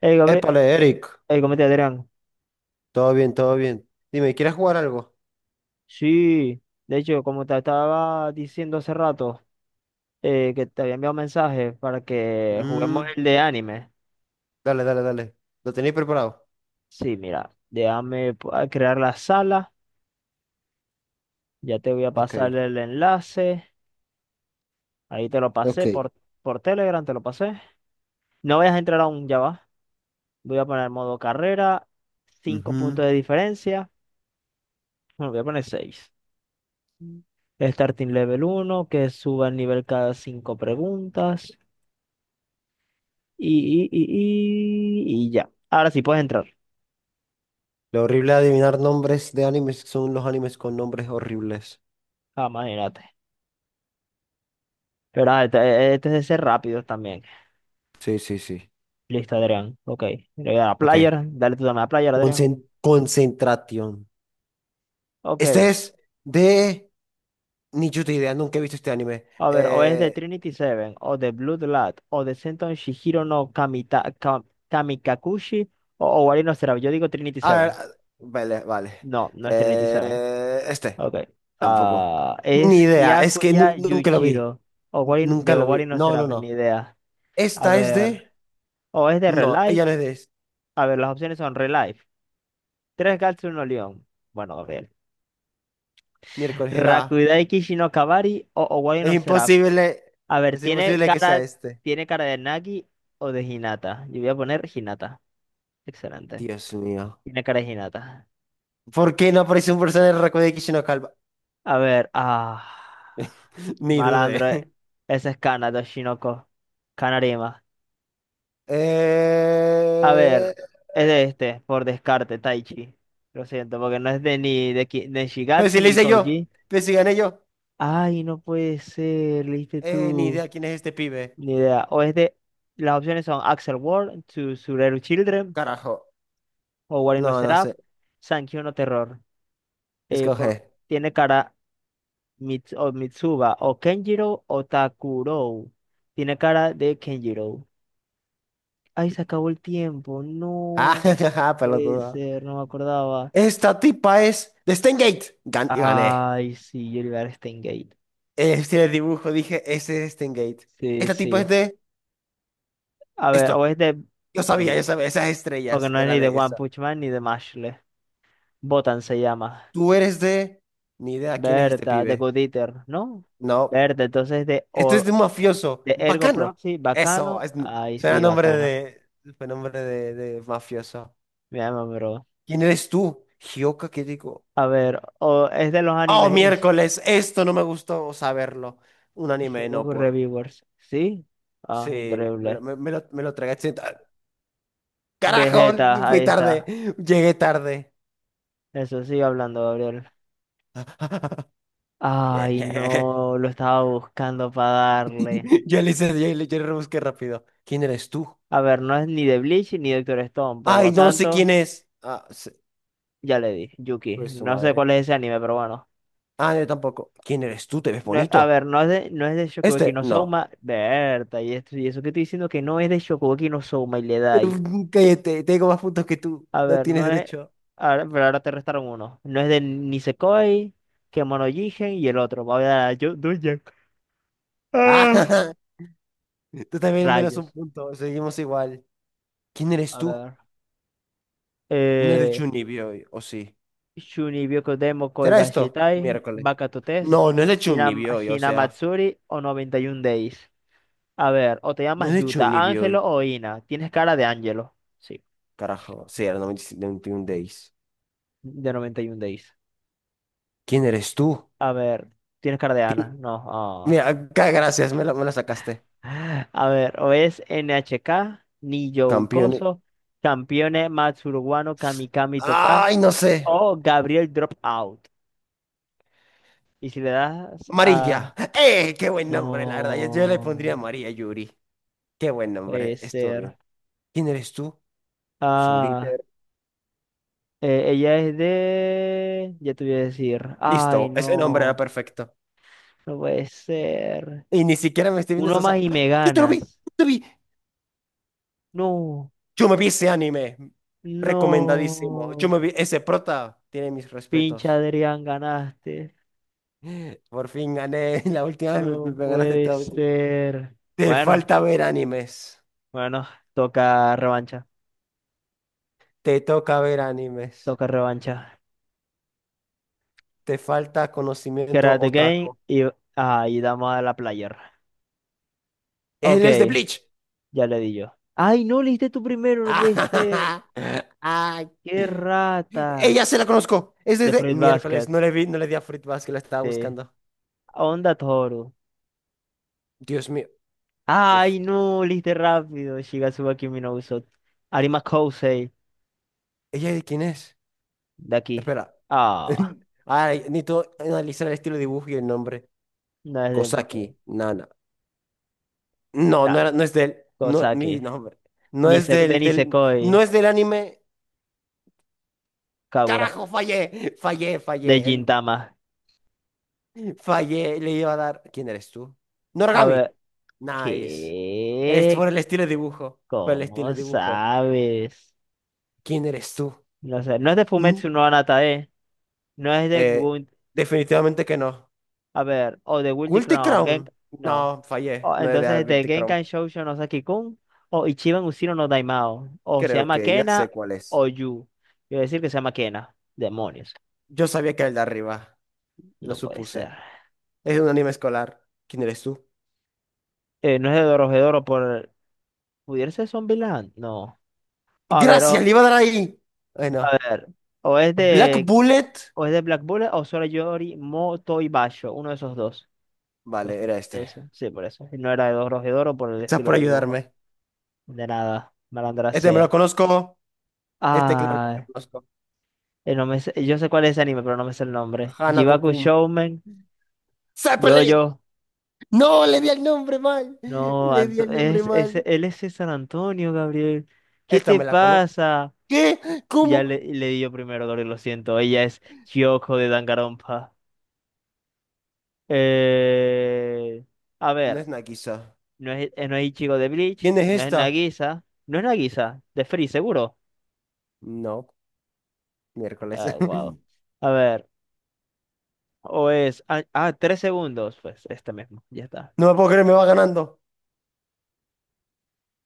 Hey, Gabriel, Épale, Eric. hey, ¿cómo te Adrián? Todo bien, todo bien. Dime, ¿quieres jugar algo? Sí, de hecho, como te estaba diciendo hace rato, que te había enviado un mensaje para que juguemos Mm, el de anime. dale. ¿Lo tenéis preparado? Sí, mira, déjame a crear la sala, ya te voy a Ok. pasar el enlace, ahí te lo Ok. pasé por Telegram, te lo pasé. No vayas a entrar aún, ya va. Voy a poner modo carrera, cinco puntos Ujú. de diferencia, bueno, voy a poner 6. Starting level uno, que suba el nivel cada 5 preguntas. Y ya. Ahora sí puedes entrar. Lo horrible de adivinar nombres de animes son los animes con nombres horribles. Ah, imagínate. Pero este es de ser rápidos también. Sí, sí, sí. Listo, Adrián. Ok. Le voy a dar a Ok. player. Dale tú también a player, Adrián. Concentración. Este Ok. es de... Ni yo te idea, nunca he visto este anime. A ver, o es de Trinity Seven, o de Blood Lad, o de Senton Shihiro no Kamita, Kamikakushi, o Owari no Seraph. Yo digo Trinity Ah, Seven. vale. No, no es Trinity Seven. Eh, Este, Ok. Tampoco. Ah, Ni es idea, es que Hyakuya nunca lo vi. Yuichiro. O de Nunca lo Owari vi. no No, no, Seraph, ni no. idea. A Esta es ver. de. O es de No, ella Relive. no es de A ver, las opciones son Relife, Tres Gats, Uno León. Bueno, Gabriel. miércoles. Era. Rakudai Kishi no Kabari o Owari Es no Seraph. imposible. A ver, Es ¿tiene imposible que sea cara, este. tiene cara de Nagi o de Hinata? Yo voy a poner Hinata. Excelente. Dios mío. Tiene cara de Hinata. ¿Por qué no aparece un personaje de Raku de Kishino Calva? A ver, ah. Ni dudé. Malandro, eh. Ese es Kana, Doshinoko, Kanarima. A Eh... ver, es de este, por descarte, Taichi. Lo siento, porque no es de ni de, de Pero Shigatsu si le ni hice yo. Koji. Pero si gané yo. Ay, no puede ser, leíste Ni tú. idea quién es este pibe. Ni idea. O es de. Las opciones son Axel World, To Tsureru Children, Carajo. o Wari no No, no Seraph, sé. Sankyo no Terror. Eh, por, Escoge. Tiene cara o Mitsuba, o Kenjiro, o Takuro. Tiene cara de Kenjiro. Ay, se acabó el tiempo. Ah, No puede pelotudo. ser, no me acordaba. Esta tipa es de Steingate. Gané. Ay, sí, yo le iba a dar Steingate. El estilo de dibujo, dije, ese es Stengate. Sí, Este tipo es sí. de A ver, o esto. es de. Yo sabía, Sí, yo sabía, esas porque estrellas no es era ni de de One esa. Punch Man ni de Mashle. Botan se llama. Tú eres de... Ni idea, ¿quién es este Berta, de pibe? Goodieater, ¿no? No. Berta, entonces de, Esto o, es de un mafioso. de Ergo Bacano. Proxy, Eso, bacano. es... Ay, suena sí, nombre bacano. de... fue nombre de, mafioso. Me llama, bro. ¿Quién eres tú? Hioka, ¿qué digo? A ver, o es de los Oh, animes. miércoles, esto no me gustó saberlo. Un Ish, anime, no Shogoku por... Reviewers. ¿Sí? Ah, Sí, me lo, increíble. me, me lo, me lo tragué. ¡Ah! Carajo, Vegeta, fui ahí tarde. está. Llegué tarde. Eso sigue hablando, Gabriel. Ay, Yeah. no, lo estaba buscando para darle. Yo le hice, yo le rebusqué rápido. ¿Quién eres tú? A ver, no es ni de Bleach ni de Doctor Stone, por Ay, lo no sé tanto, quién es. Ya le di. Yuki. Pues su No sé madre. cuál es ese anime, pero bueno. Ah, yo tampoco. ¿Quién eres tú? ¿Te ves No, a bonito? ver, no es de Shokugeki Este, no no. Souma, Berta, y esto y eso que estoy diciendo que no es de Shokugeki no Souma y le da Eh, ahí. Cállate, tengo más puntos que tú. A No ver, tienes no es. derecho. Ahora, pero ahora te restaron uno. No es de Nisekoi, Kemono Jigen y el otro. Voy a dar a Doujin. Ah, Ah. tú también menos un Rayos. punto. Seguimos igual. ¿Quién eres A tú? ver. No es de Eh, Chunibyo, o sí. Shuni Byokodemo Koi ¿Será esto? Gashitai, Miércoles. Bakato Test, No, no es de Chunibyo, o sea. Hinamatsuri o 91 Days. A ver, o te No llamas es de Yuta, Chunibyo, Ángelo o Ina. Tienes cara de Ángelo. Sí, carajo. Sí, era 95, 91 days. de 91 Days. ¿Quién eres tú? A ver, tienes cardeana. No. ah. Mira, gracias, me la sacaste. A ver, o es NHK, Niyo Campeón. Ukoso, Campione Matsuruguano, Kamikami Toka Ay, no sé. o Gabriel Dropout. Y si le das María. a... ¡Eh! Qué buen nombre, la verdad. Yo le pondría No, María Yuri. Qué buen puede nombre. Estuvo bien. ser. ¿Quién eres tú? Soul Ah, Eater. Ella es de... Ya te voy a decir. Ay, Listo, ese nombre era no, perfecto. no puede ser. Y ni siquiera me estoy viendo eso. Uno O más sea, y me yo te lo vi, yo ganas. te vi. No, Yo me vi ese anime. Recomendadísimo. Yo no. me vi ese prota. Tiene mis Pinche respetos. Adrián, ganaste. Por fin gané. La última vez me, No me ganaste puede todo. ser. Te Bueno, falta ver animes. bueno, toca revancha, Te toca ver animes. toca revancha. Te falta conocimiento Karate Game otaku. y ahí damos a la player. Ok, Él es de Bleach. ya le di yo. Ay, no, le diste tú primero, no puede ser. Ay. Qué rata. Ella se la conozco. Es De desde Fruit miércoles. Basket. No le vi, no le di a Fruitbasket que la estaba Sí. buscando. Onda Toro. Dios mío. Uf. Ay, no, le diste rápido. Shigatsuba Kimi no Uso. Arima Kousei, ¿Ella de quién es? de aquí. Espera. Ah, Ay, necesito analizar el estilo de dibujo y el nombre. no es del profe. Kosaki, Nana. No, no Nah, era, no es del. No, cosa mi que. nombre. No es Nise, de del. No Nisekoi. es del anime. Carajo, fallé. Fallé. De Gintama. Fallé, le iba a dar. ¿Quién eres tú? A Noragami. ver, Nice. Es ¿qué? por el estilo de dibujo. Por el estilo ¿Cómo de dibujo. sabes? ¿Quién eres tú? No sé, no es de Fumetsu Mm, no Anatae, no es de eh, Gun, definitivamente que no. a ver, o de Guilty Guilty Crown, Crown. no. No, fallé. O, No le di entonces es de Guilty Crown. Genkan Shoujo no Saki-kun o Ichiban Ushiro no Daimao, o se Creo llama que ya sé Kena cuál es. o Yu. Quiero decir que se llama Kena. Demonios, Yo sabía que era el de arriba. Lo no puede ser. supuse. Es un anime escolar. ¿Quién eres tú? No es de Dorohedoro por. ¿Pudiera ser Zombieland? No. A ver, Gracias, o, le iba a dar ahí. a Bueno. ver, o es Black de. Bullet. O es de Black Bullet o Sorayori Motoibashi, uno de esos dos. Pues Vale, era este. eso, sí, por eso. Y no era de Dos de Oro por el Gracias estilo por de dibujo. ayudarme. De nada, malandra Este me lo sea. conozco. Este claro que me Ah, lo conozco. No me sé- Yo sé cuál es ese anime, pero no me sé el nombre. Jibaku Hanako-kun. Shounen, ¡Zeppelin! yo. ¡No! Le di el nombre mal. No, Le di el nombre mal. él es de San Antonio, Gabriel. ¿Qué Esta te me la conozco. pasa? ¿Qué? Ya ¿Cómo? le di yo primero, Gabriel, lo siento. Ella es Kyoko de Danganronpa. Eh, a No ver. es Nagisa. No es Ichigo de Bleach, ¿Quién es no es esta? Nagisa, de Free, seguro. No, miércoles. Ah, wow. A ver, o es. Tres segundos, pues este mismo, ya está. No me puedo creer, me va ganando.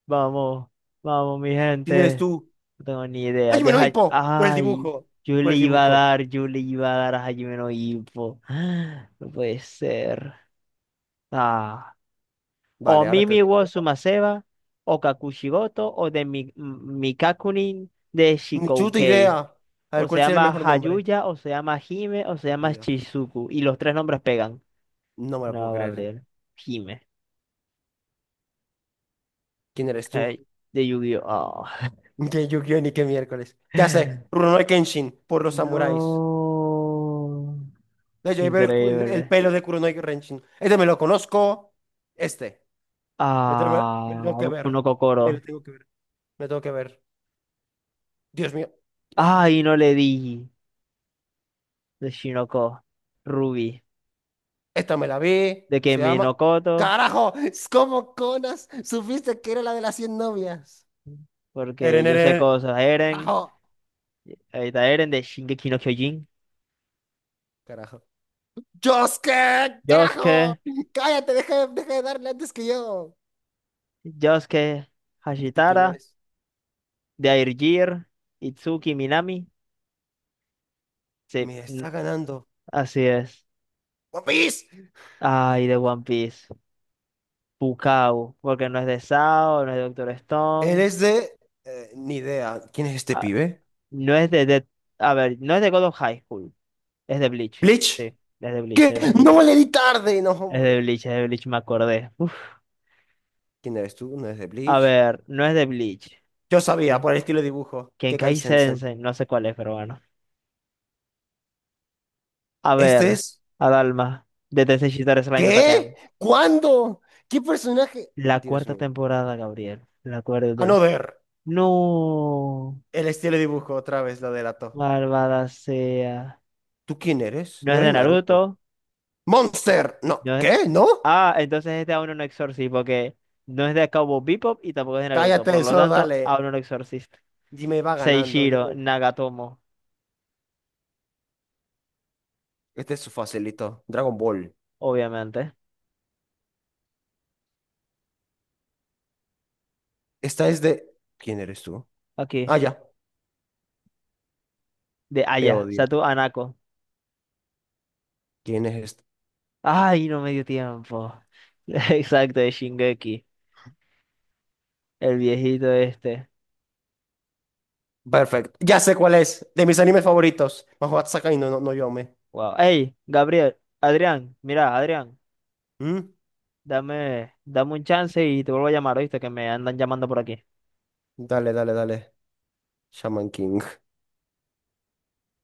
Vamos, vamos, mi ¿Quién eres gente. tú? No tengo ni idea. ¡Hajime no Deja. Ippo! Por el Ay, dibujo. yo Por le el iba a dibujo. dar, yo le iba a dar a Hajime no Ippo. Ah, no puede ser. Ah, o Vale, ahora que lo Mimi tengo wo tiempo. Sumaseba, o Kakushigoto, o de Mikakunin de Ni chuta idea. Shikoukei. A ver, O se ¿cuál sería el llama mejor nombre? Hayuya, o se llama Hime, o se llama Akuya. Chizuku. Y los tres nombres pegan. No me la puedo No, creer. Gabriel. Hime. ¿Quién eres tú? Ay, de Yu-Gi-Oh! Ni que Yu-Gi-Oh! Ni que miércoles. Ya sé. Ah. Rurouni Kenshin. Por los samuráis. No. No, yo iba el, el Increíble. pelo de Kuronoi Kenshin. Este me lo conozco. Este. Me, te- me- me lo tengo Ah, que uno ver. Kokoro. Me lo tengo que ver. Me lo tengo que ver. Dios mío. Ay, no le di. De Shinoko. Ruby. Esta me la vi. De Se Kimi llama. no Koto. ¡Carajo! Es como Conas. Supiste que era la de las 100 novias. Porque Eren, yo sé eren. cosas. Eren. Carajo. Ahí está Eren de Shingeki no Kyojin. Carajo. ¡Josuke! Yosuke. ¡Carajo! ¡Cállate! Deja de darle antes que yo. Yosuke. ¿Este quién Hashitara. es? De Airgear, Itsuki, Minami. Sí, Me está ganando. así es. ¡One Piece! Ay, de One Piece. Pukao, porque no es de Sao, no es de Doctor Él Stone, es de. Ni idea. ¿Quién es este ah, pibe? no es de, a ver, no es de God of High School, es de Bleach. Sí, Bleach. es de Bleach, ¿Qué? es de Bleach. No le di tarde, no, Es de hombre. Bleach, es de Bleach, me acordé. Uf. ¿Quién eres tú? ¿No eres de A Bleach? ver, no es de Bleach. Yo sabía, ¿Sí? por el estilo de dibujo, que Kai Kenkai Sensen. Sensei, no sé cuál es, pero bueno. A ver, ¿Este es? Adalma, de Tensei Shitara Slime Dottakemi. ¿Qué? ¿Cuándo? ¿Qué personaje? La Dios cuarta mío. temporada, Gabriel. La cuarta A no temporada. ver. No. El estilo de dibujo otra vez lo delató. Malvada sea. ¿Tú quién eres? No No es de eres Naruto. Naruto. ¡Monster! No. No es. ¿Qué? ¿No? Ah, entonces este aún no Exorcist, porque no es de Cowboy Bebop y tampoco es de Naruto. Por Cállate, lo solo tanto, dale. aún no Exorcist. Dime, va ganando. Yo Seishiro me... Nagatomo, Este es su facilito. Dragon Ball. obviamente. Esta es de... ¿Quién eres tú? Aquí, Ah, ya. de Te Aya, odio. Satu Anako. ¿Quién es Ay, no me dio tiempo. Exacto, de Shingeki, el viejito este. Perfecto. Ya sé cuál es. De mis animes favoritos. Mahoutsukai no Yome. Wow. Hey, Gabriel, Adrián, mira, Adrián, ¿Mm? dame, dame un chance y te vuelvo a llamar, ¿oíste? Que me andan llamando por aquí. Dale. Shaman King.